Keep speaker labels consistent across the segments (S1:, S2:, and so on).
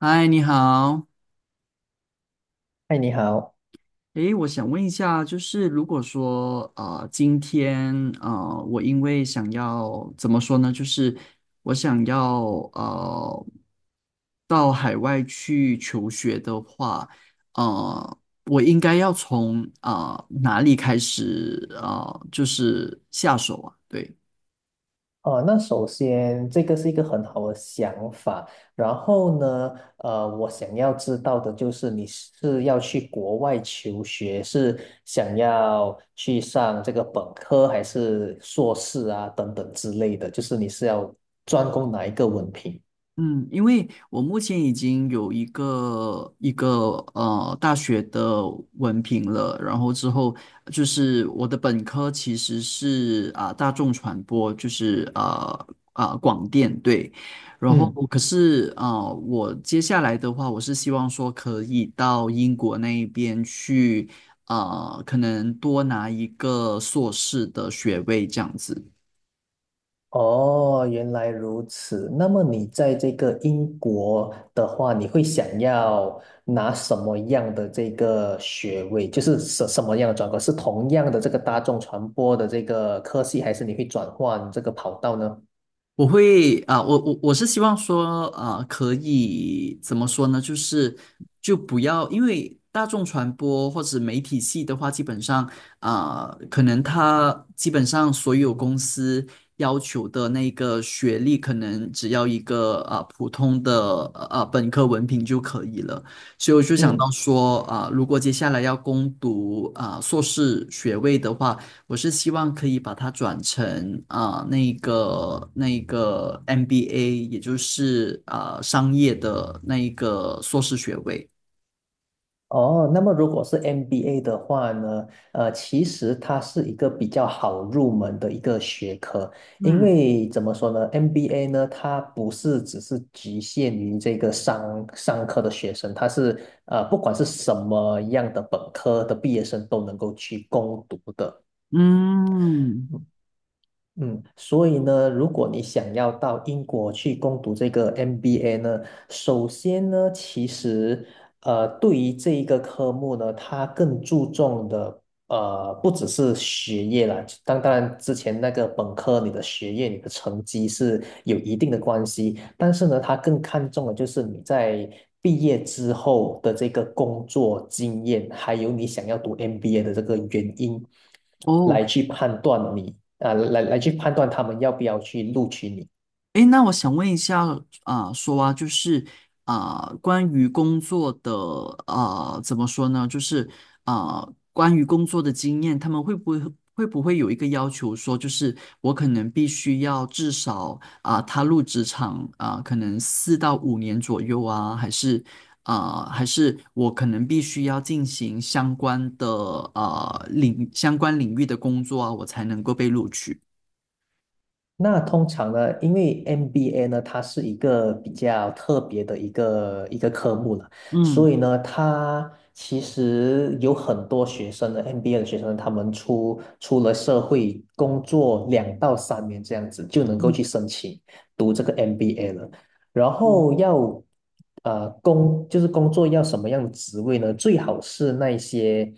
S1: 嗨，你好。
S2: 嗨，你好。
S1: 诶，我想问一下，就是如果说啊，今天啊，我因为想要怎么说呢，就是我想要呃，到海外去求学的话，呃，我应该要从啊哪里开始啊？就是下手啊？对。
S2: 哦，那首先这个是一个很好的想法。然后呢，我想要知道的就是你是要去国外求学，是想要去上这个本科还是硕士啊，等等之类的，就是你是要专攻哪一个文凭？
S1: 嗯，因为我目前已经有一个大学的文凭了，然后之后就是我的本科其实是啊、大众传播，就是啊、广电对，然后
S2: 嗯。
S1: 可是啊、我接下来的话，我是希望说可以到英国那一边去啊、可能多拿一个硕士的学位这样子。
S2: 哦，原来如此。那么你在这个英国的话，你会想要拿什么样的这个学位？就是什么样的专科？是同样的这个大众传播的这个科系，还是你会转换这个跑道呢？
S1: 我会啊、我是希望说啊、可以怎么说呢？就是就不要，因为大众传播或者媒体系的话，基本上啊、可能它基本上所有公司要求的那个学历，可能只要一个啊、普通的啊、本科文凭就可以了。所以我就想到
S2: 嗯。
S1: 说啊、如果接下来要攻读啊、硕士学位的话，我是希望可以把它转成啊、那个 MBA，也就是啊、商业的那一个硕士学位。
S2: 哦，那么如果是 MBA 的话呢，其实它是一个比较好入门的一个学科，因
S1: 嗯
S2: 为怎么说呢，MBA 呢，它不是只是局限于这个商科的学生，它是不管是什么样的本科的毕业生都能够去攻读的。
S1: 嗯，
S2: 嗯，所以呢，如果你想要到英国去攻读这个 MBA 呢，首先呢，其实对于这一个科目呢，它更注重的不只是学业啦，当然之前那个本科你的学业、你的成绩是有一定的关系，但是呢，它更看重的就是你在毕业之后的这个工作经验，还有你想要读 MBA 的这个原因。
S1: 哦，
S2: 来去判断你啊，来去判断他们要不要去录取你。
S1: 诶，那我想问一下啊、说啊，就是啊、关于工作的啊、怎么说呢？就是啊、关于工作的经验，他们会不会有一个要求说，就是我可能必须要至少啊、踏入职场啊、可能4到5年左右啊，还是啊、还是我可能必须要进行相关的啊领相关领域的工作啊，我才能够被录取。
S2: 那通常呢，因为 MBA 呢，它是一个比较特别的一个科目了，所
S1: 嗯
S2: 以呢，它其实有很多学生呢，MBA 的学生，他们出了社会工作2到3年这样子，就能够去
S1: 嗯
S2: 申请读这个 MBA 了。然
S1: 嗯
S2: 后要呃工就是工作要什么样的职位呢？最好是那些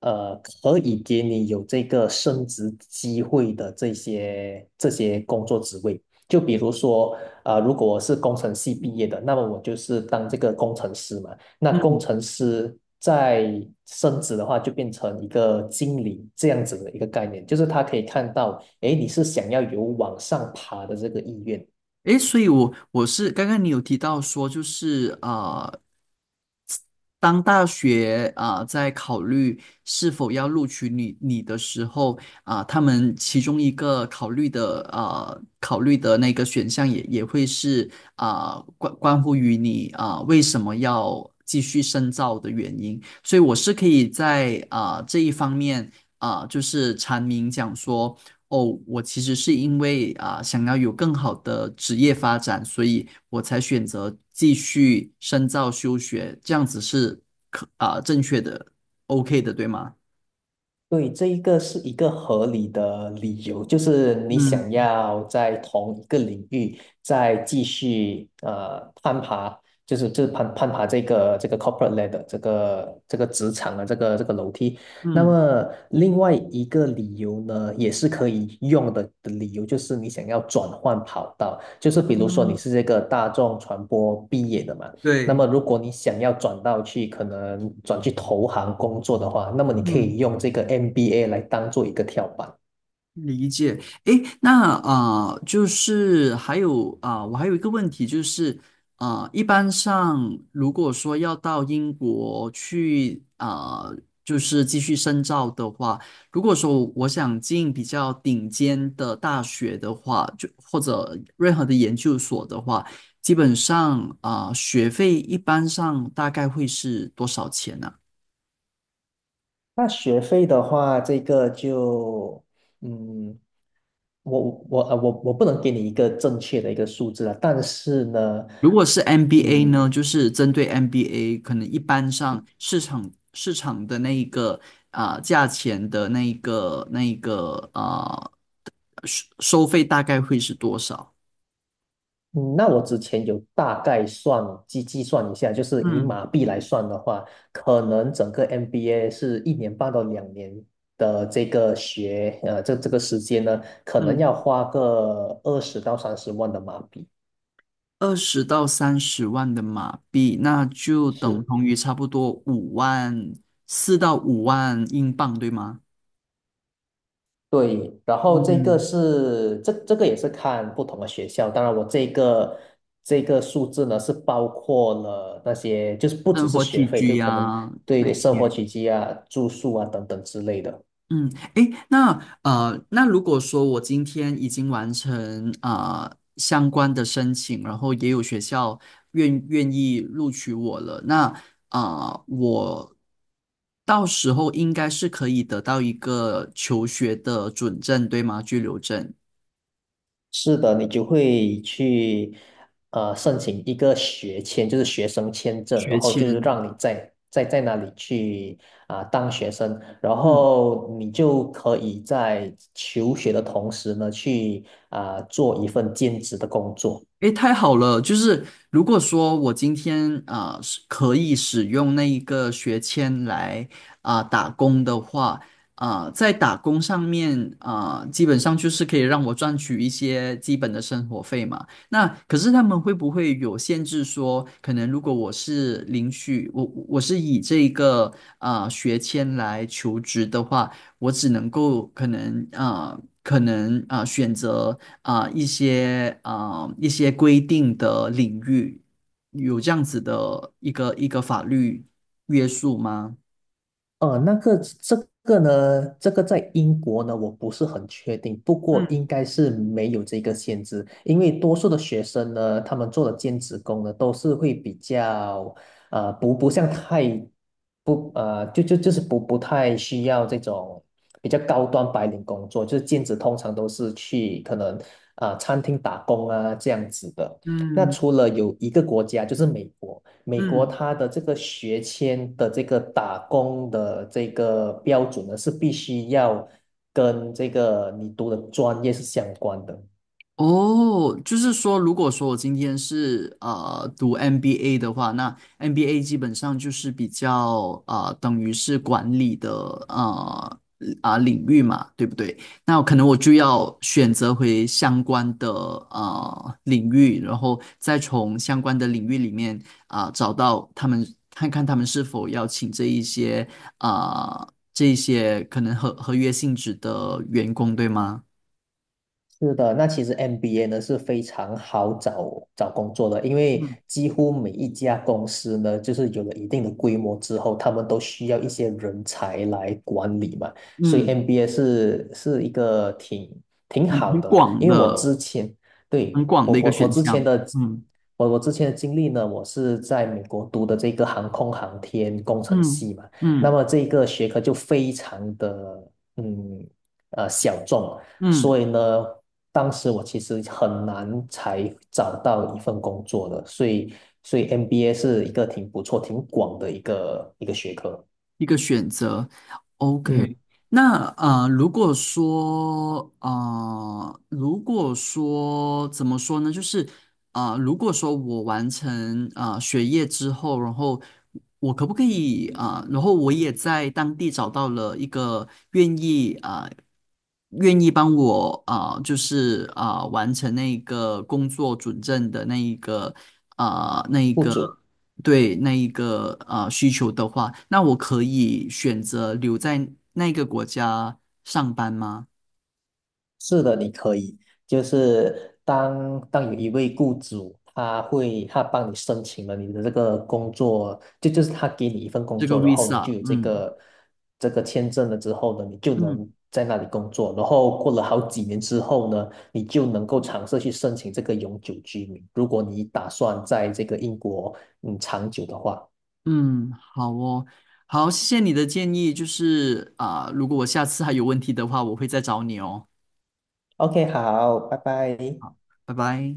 S2: 呃可以给你有这个升职机会的这些工作职位。就比如说，如果我是工程系毕业的，那么我就是当这个工程师嘛。那工
S1: 嗯。
S2: 程师在升职的话，就变成一个经理这样子的一个概念，就是他可以看到，诶，你是想要有往上爬的这个意愿。
S1: 诶，所以我是刚刚你有提到说，就是啊，当大学啊、在考虑是否要录取你的时候啊、他们其中一个考虑的啊考虑的那个选项也会是啊、关乎于你啊、为什么要继续深造的原因，所以我是可以在啊、这一方面啊、就是阐明讲说。哦，我其实是因为啊、想要有更好的职业发展，所以我才选择继续深造休学，这样子是可啊、正确的，OK 的，对吗？
S2: 对，这一个是一个合理的理由，就是你想
S1: 嗯
S2: 要在同一个领域再继续攀爬，就是攀爬这个这个 corporate ladder， 这个这个职场的这个这个楼梯。那
S1: 嗯
S2: 么另外一个理由呢，也是可以用的理由，就是你想要转换跑道，就是比如说你
S1: 嗯，
S2: 是这个大众传播毕业的嘛。那
S1: 对，
S2: 么，如果你想要转到去，可能转去投行工作的话，那么你可
S1: 嗯。
S2: 以用这个 MBA 来当做一个跳板。
S1: 理解，诶，那啊、就是还有啊、我还有一个问题就是，啊、一般上如果说要到英国去啊、就是继续深造的话，如果说我想进比较顶尖的大学的话，就或者任何的研究所的话，基本上啊、学费一般上大概会是多少钱呢、
S2: 那学费的话，这个就，嗯，我我不能给你一个正确的一个数字啊，但是呢，
S1: 如果是 MBA
S2: 嗯，
S1: 呢，就是针对 MBA，可能一般上市场的那一个啊、价钱的那一个啊、收费大概会是多少？
S2: 嗯那我之前有大概计算一下，就是以
S1: 嗯
S2: 马币来算的话，可能整个 MBA 是1年半到2年的这个这个时间呢，可能
S1: 嗯，
S2: 要花个20到30万的马币。
S1: 20到30万的马币，那就等
S2: 是，
S1: 同于差不多五万4到5万英镑，对吗？
S2: 对。然后这个
S1: 嗯，
S2: 是这个也是看不同的学校，当然我这个这个数字呢是包括了那些就是不只
S1: 生
S2: 是
S1: 活
S2: 学
S1: 起
S2: 费，
S1: 居
S2: 就可能
S1: 呀、那
S2: 对生
S1: 些，
S2: 活起居啊、住宿啊等等之类的。
S1: 嗯，诶，那那如果说我今天已经完成啊、相关的申请，然后也有学校愿意录取我了，那啊、我到时候应该是可以得到一个求学的准证，对吗？居留证、
S2: 是的，你就会去申请一个学签，就是学生签证，然
S1: 学
S2: 后就是
S1: 签。
S2: 让你在那里去啊、当学生，然
S1: 嗯
S2: 后你就可以在求学的同时呢，去啊、做一份兼职的工作。
S1: 诶，太好了！就是如果说我今天啊、是可以使用那一个学签来啊、打工的话，啊、在打工上面啊、基本上就是可以让我赚取一些基本的生活费嘛。那可是他们会不会有限制说，可能如果我是领取我是以这个啊、学签来求职的话，我只能够可能选择。啊、一些规定的领域，有这样子的一个法律约束吗？
S2: 呃，那个这个呢，这个在英国呢，我不是很确定，不过应
S1: 嗯
S2: 该是没有这个限制，因为多数的学生呢，他们做的兼职工呢，都是会比较，呃，不不像太不呃，就就就是不不太需要这种比较高端白领工作，就是兼职通常都是去可能啊、呃餐厅打工啊这样子的。那
S1: 嗯
S2: 除了有一个国家就是美国。美国
S1: 嗯，
S2: 它的这个学签的这个打工的这个标准呢，是必须要跟这个你读的专业是相关的。
S1: 哦，就是说，如果说我今天是读 MBA 的话，那 MBA 基本上就是比较等于是管理的呃啊、领域嘛，对不对？那可能我就要选择回相关的领域，然后再从相关的领域里面啊、找到他们，看看他们是否要请这一些啊、这一些可能合约性质的员工，对吗？
S2: 是的，那其实 MBA 呢是非常好找工作的，因为
S1: 嗯
S2: 几乎每一家公司呢，就是有了一定的规模之后，他们都需要一些人才来管理嘛，所以
S1: 嗯。
S2: MBA 是一个挺
S1: 很
S2: 好
S1: 很
S2: 的啦。
S1: 广
S2: 因为我
S1: 的、
S2: 之前对
S1: 很广
S2: 我
S1: 的一个
S2: 我我
S1: 选
S2: 之前
S1: 项。
S2: 的
S1: 嗯
S2: 我之前的经历呢，我是在美国读的这个航空航天工程
S1: 嗯
S2: 系嘛，那
S1: 嗯
S2: 么这个学科就非常的小众。所
S1: 嗯，
S2: 以呢，当时我其实很难才找到一份工作的，所以MBA 是一个挺不错、挺广的一个学科。
S1: 一个选择。
S2: 嗯，
S1: OK，那如果说怎么说呢？就是如果说我完成学业之后，然后我可不可以啊、然后我也在当地找到了一个愿意啊、愿意帮我啊、就是啊、完成那个工作准证的那一个啊、那一
S2: 不
S1: 个。
S2: 止
S1: 对那一个需求的话，那我可以选择留在那个国家上班吗？
S2: 是的，你可以，就是当有一位雇主，他会他帮你申请了你的这个工作，就是他给你一份工
S1: 这个
S2: 作，然后你就
S1: visa，
S2: 有这
S1: 嗯
S2: 个这个签证了之后呢，你就
S1: 嗯
S2: 能在那里工作，然后过了好几年之后呢，你就能够尝试去申请这个永久居民，如果你打算在这个英国嗯长久的话。
S1: 嗯，好哦，好，谢谢你的建议，就是啊、如果我下次还有问题的话，我会再找你哦，
S2: OK，好，拜拜。
S1: 拜拜。